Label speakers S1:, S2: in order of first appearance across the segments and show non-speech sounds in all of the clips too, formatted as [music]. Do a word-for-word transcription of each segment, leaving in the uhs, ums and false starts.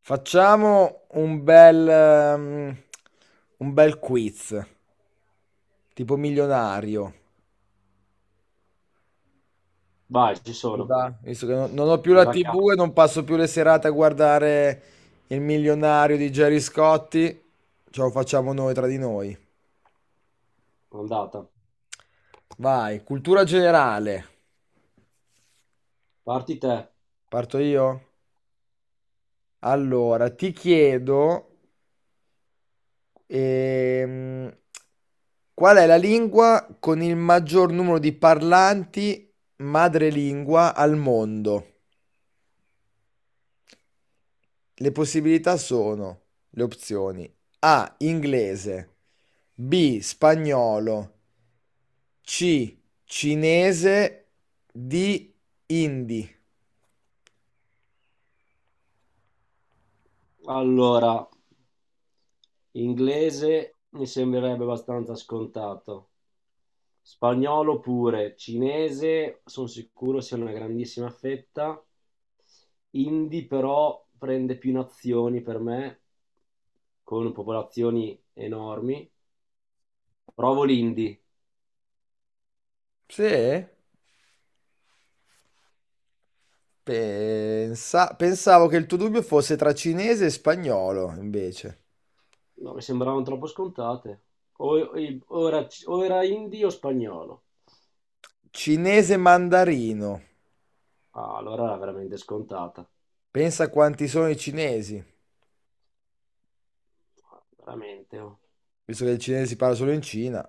S1: Facciamo un bel, ehm, un bel quiz, tipo milionario.
S2: Vai, ci
S1: Ti
S2: sono.
S1: va? Visto che non, non ho più
S2: Me
S1: la
S2: la cavo,
S1: T V e non passo più le serate a guardare Il milionario di Gerry Scotti, ce lo facciamo noi tra di noi.
S2: andata.
S1: Vai, cultura generale.
S2: Parti te.
S1: Parto io? Allora, ti chiedo Ehm, qual è la lingua con il maggior numero di parlanti madrelingua al mondo? Le possibilità sono le opzioni A, inglese, B, spagnolo, C, cinese, D, hindi.
S2: Allora, inglese mi sembrerebbe abbastanza scontato. Spagnolo pure. Cinese sono sicuro sia una grandissima fetta. Hindi però prende più nazioni per me, con popolazioni enormi. Provo l'indi.
S1: Sì, pensa- pensavo che il tuo dubbio fosse tra cinese e spagnolo, invece.
S2: No, mi sembravano troppo scontate. O, o- o era, o era hindi o spagnolo.
S1: Cinese mandarino.
S2: Ah, allora era veramente scontata.
S1: Pensa quanti sono i cinesi,
S2: Veramente. Oh.
S1: visto che il cinese si parla solo in Cina.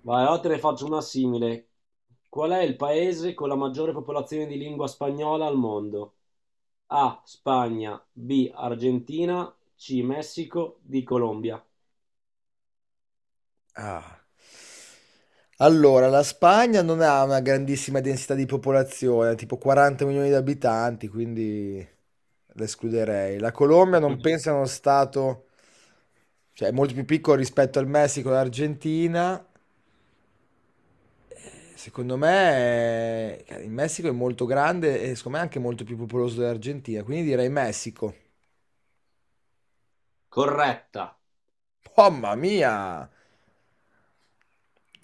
S2: Vai, ora te ne faccio una simile. Qual è il paese con la maggiore popolazione di lingua spagnola al mondo? A. Spagna, B. Argentina, C. Messico, D. Colombia.
S1: Ah. Allora, la Spagna non ha una grandissima densità di popolazione, tipo quaranta milioni di abitanti, quindi l'escluderei. La Colombia non penso sia uno stato, cioè è molto più piccolo rispetto al Messico e all'Argentina. Secondo me eh, il Messico è molto grande e secondo me è anche molto più popoloso dell'Argentina, quindi direi Messico.
S2: Corretta.
S1: Mamma mia!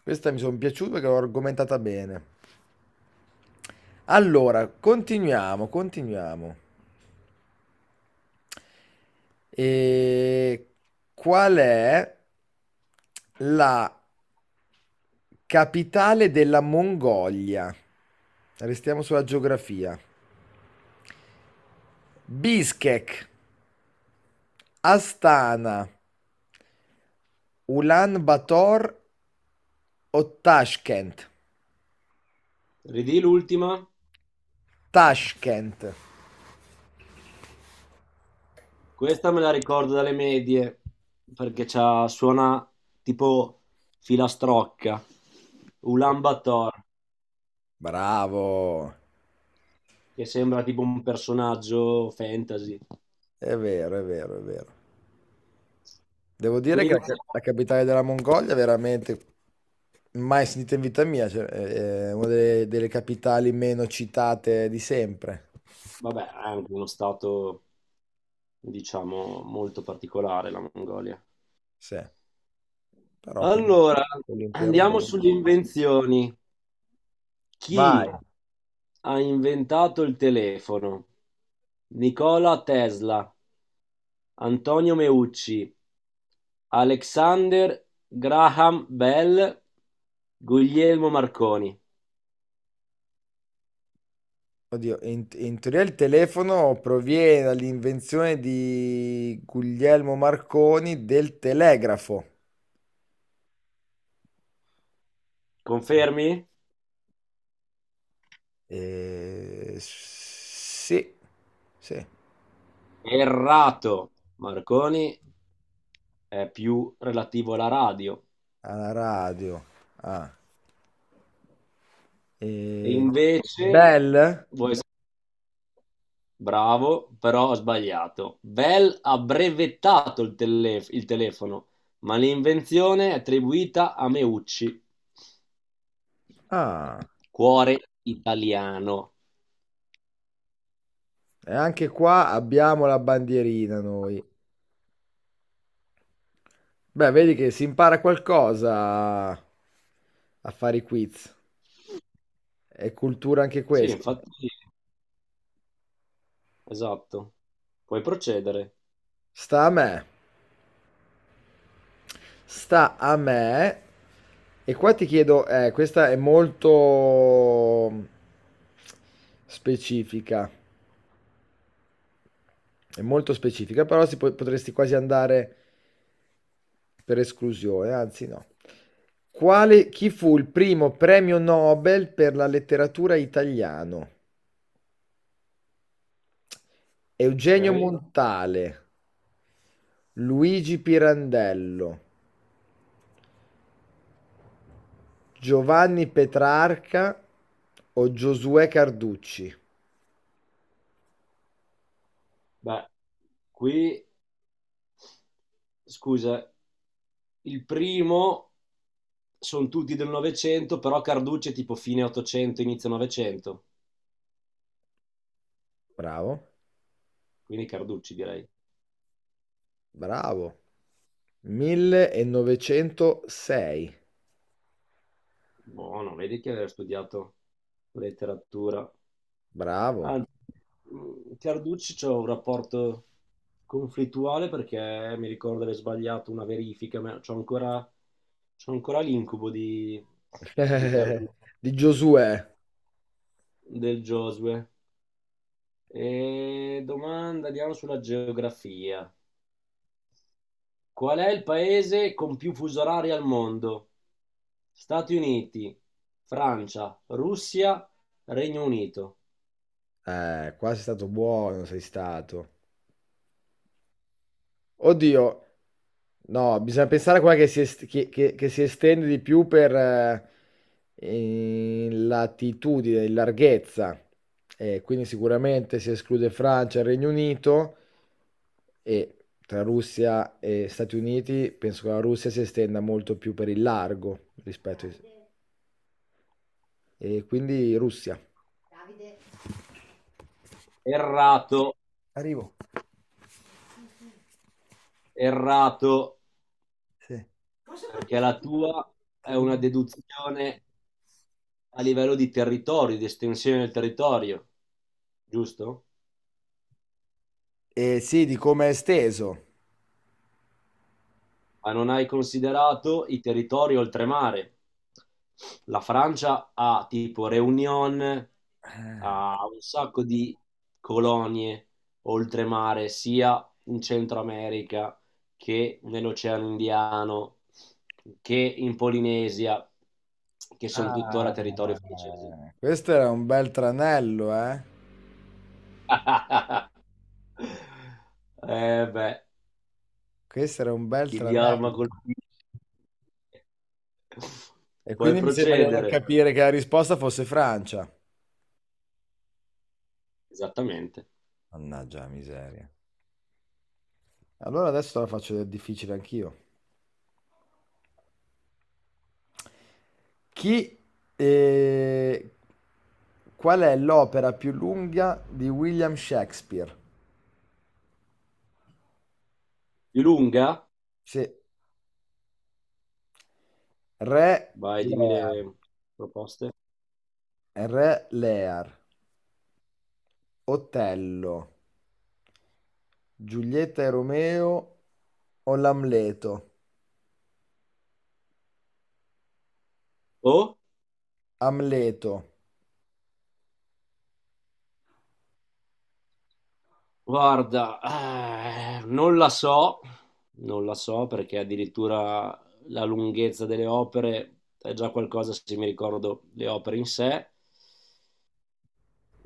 S1: Questa mi sono piaciuta perché l'ho argomentata bene. Allora, continuiamo, continuiamo. E qual è la capitale della Mongolia? Restiamo sulla geografia. Bishkek, Astana, Ulan Bator o Tashkent?
S2: Ridì l'ultima.
S1: Tashkent.
S2: Questa me la ricordo dalle medie perché c'ha, suona tipo filastrocca. Ulan Bator,
S1: Bravo.
S2: che sembra tipo un personaggio fantasy.
S1: È vero, è vero, è vero. Devo dire che
S2: Quindi
S1: la, ca- la capitale della Mongolia è veramente mai sentita in vita mia, cioè, è è una delle, delle capitali meno citate di sempre.
S2: Vabbè, è anche uno stato, diciamo, molto particolare la Mongolia.
S1: Sì, però con l'im-
S2: Allora,
S1: con l'impero.
S2: andiamo
S1: No.
S2: sulle invenzioni.
S1: Vai.
S2: Chi ha inventato il telefono? Nikola Tesla, Antonio Meucci, Alexander Graham Bell, Guglielmo Marconi.
S1: Oddio, in, in teoria il telefono proviene dall'invenzione di Guglielmo Marconi del telegrafo.
S2: Confermi?
S1: Eh, sì, sì.
S2: Errato. Marconi è più relativo alla radio.
S1: Alla radio. Ah.
S2: E
S1: E...
S2: invece
S1: Bell?
S2: voi Bravo, però ho sbagliato. Bell ha brevettato il, tele- il telefono, ma l'invenzione è attribuita a Meucci,
S1: Ah.
S2: cuore italiano.
S1: E anche qua abbiamo la bandierina noi. Beh, vedi che si impara qualcosa a a fare i quiz. È cultura anche
S2: Sì,
S1: questa.
S2: infatti, esatto. Puoi procedere.
S1: Sta a me. Sta a me. E qua ti chiedo, eh, questa è molto mm, specifica. È molto specifica, però si po- potresti quasi andare per esclusione, anzi no. Quale, chi fu il primo premio Nobel per la letteratura italiano? Eugenio
S2: Ok.
S1: Montale, Luigi Pirandello, Giovanni Petrarca o Giosuè Carducci?
S2: Beh, qui, scusa, il primo sono tutti del Novecento, però Carducci è tipo fine ottocento, inizio novecento,
S1: Bravo,
S2: quindi Carducci direi.
S1: bravo. millenovecentosei,
S2: Buono, vedi che aveva studiato letteratura.
S1: bravo.
S2: Anzi, mh, Carducci c'ho un rapporto conflittuale perché mi ricordo di aver sbagliato una verifica, ma c'ho ancora, c'ho ancora l'incubo di, di Carducci,
S1: [laughs] Di Giosuè.
S2: del Josue. E domanda, andiamo sulla geografia. Qual è il paese con più fusi orari al mondo? Stati Uniti, Francia, Russia, Regno Unito.
S1: Eh, qua sei stato buono, sei stato. Oddio, no, bisogna pensare a quella che si, est- che- che- che si estende di più per eh, in latitudine, in larghezza. Eh, quindi sicuramente si esclude Francia e Regno Unito e tra Russia e Stati Uniti penso che la Russia si estenda molto più per il largo rispetto ai... E quindi Russia.
S2: Errato.
S1: Arrivo.
S2: Errato,
S1: Sì.
S2: perché la tua è una deduzione a livello di territorio, di estensione del territorio, giusto?
S1: Eh, sì, di come è esteso.
S2: Ma non hai considerato i territori oltremare. La Francia ha tipo Réunion, ha un sacco di colonie oltremare, sia in Centro America che nell'Oceano Indiano, che in Polinesia, che sono
S1: Ah,
S2: tuttora territorio francese.
S1: questo era un bel tranello, eh?
S2: [laughs] Eh beh,
S1: Questo era un bel
S2: chi di arma
S1: tranello.
S2: colpisce.
S1: E
S2: Puoi
S1: quindi mi sembra di non
S2: procedere.
S1: capire che la risposta fosse Francia.
S2: Esattamente.
S1: Mannaggia la miseria. Allora adesso te la faccio del difficile anch'io. Chi... eh, qual è l'opera più lunga di William Shakespeare?
S2: Di lunga?
S1: Sì, Re
S2: Vai, dimmi
S1: Lear.
S2: le proposte.
S1: Re Lear. Otello, Giulietta e Romeo o l'Amleto?
S2: Oh,
S1: Amleto.
S2: guarda, eh, non la so, non la so perché addirittura la lunghezza delle opere è già qualcosa se mi ricordo le opere in sé.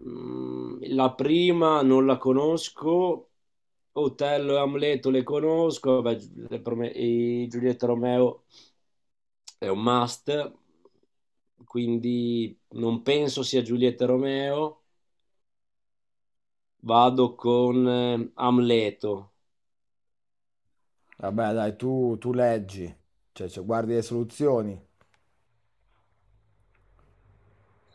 S2: Mm, La prima non la conosco, Otello e Amleto le conosco, vabbè, Gi- le prome- e Giulietta Romeo è un must, quindi non penso sia Giulietta Romeo, vado con eh, Amleto. [laughs]
S1: Vabbè, dai, tu, tu leggi, cioè, cioè, guardi le soluzioni,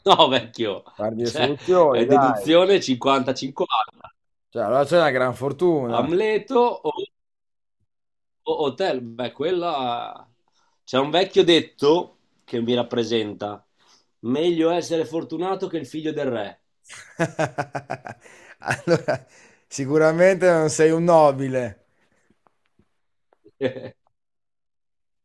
S2: No, vecchio,
S1: guardi le
S2: cioè,
S1: soluzioni,
S2: è
S1: dai.
S2: deduzione cinquanta cinquanta.
S1: Cioè, allora c'è una gran fortuna.
S2: Amleto o O- Hotel, beh, quella... C'è un vecchio detto che mi rappresenta. Meglio essere fortunato che il figlio del re.
S1: [laughs] Allora, sicuramente non sei un nobile.
S2: [laughs]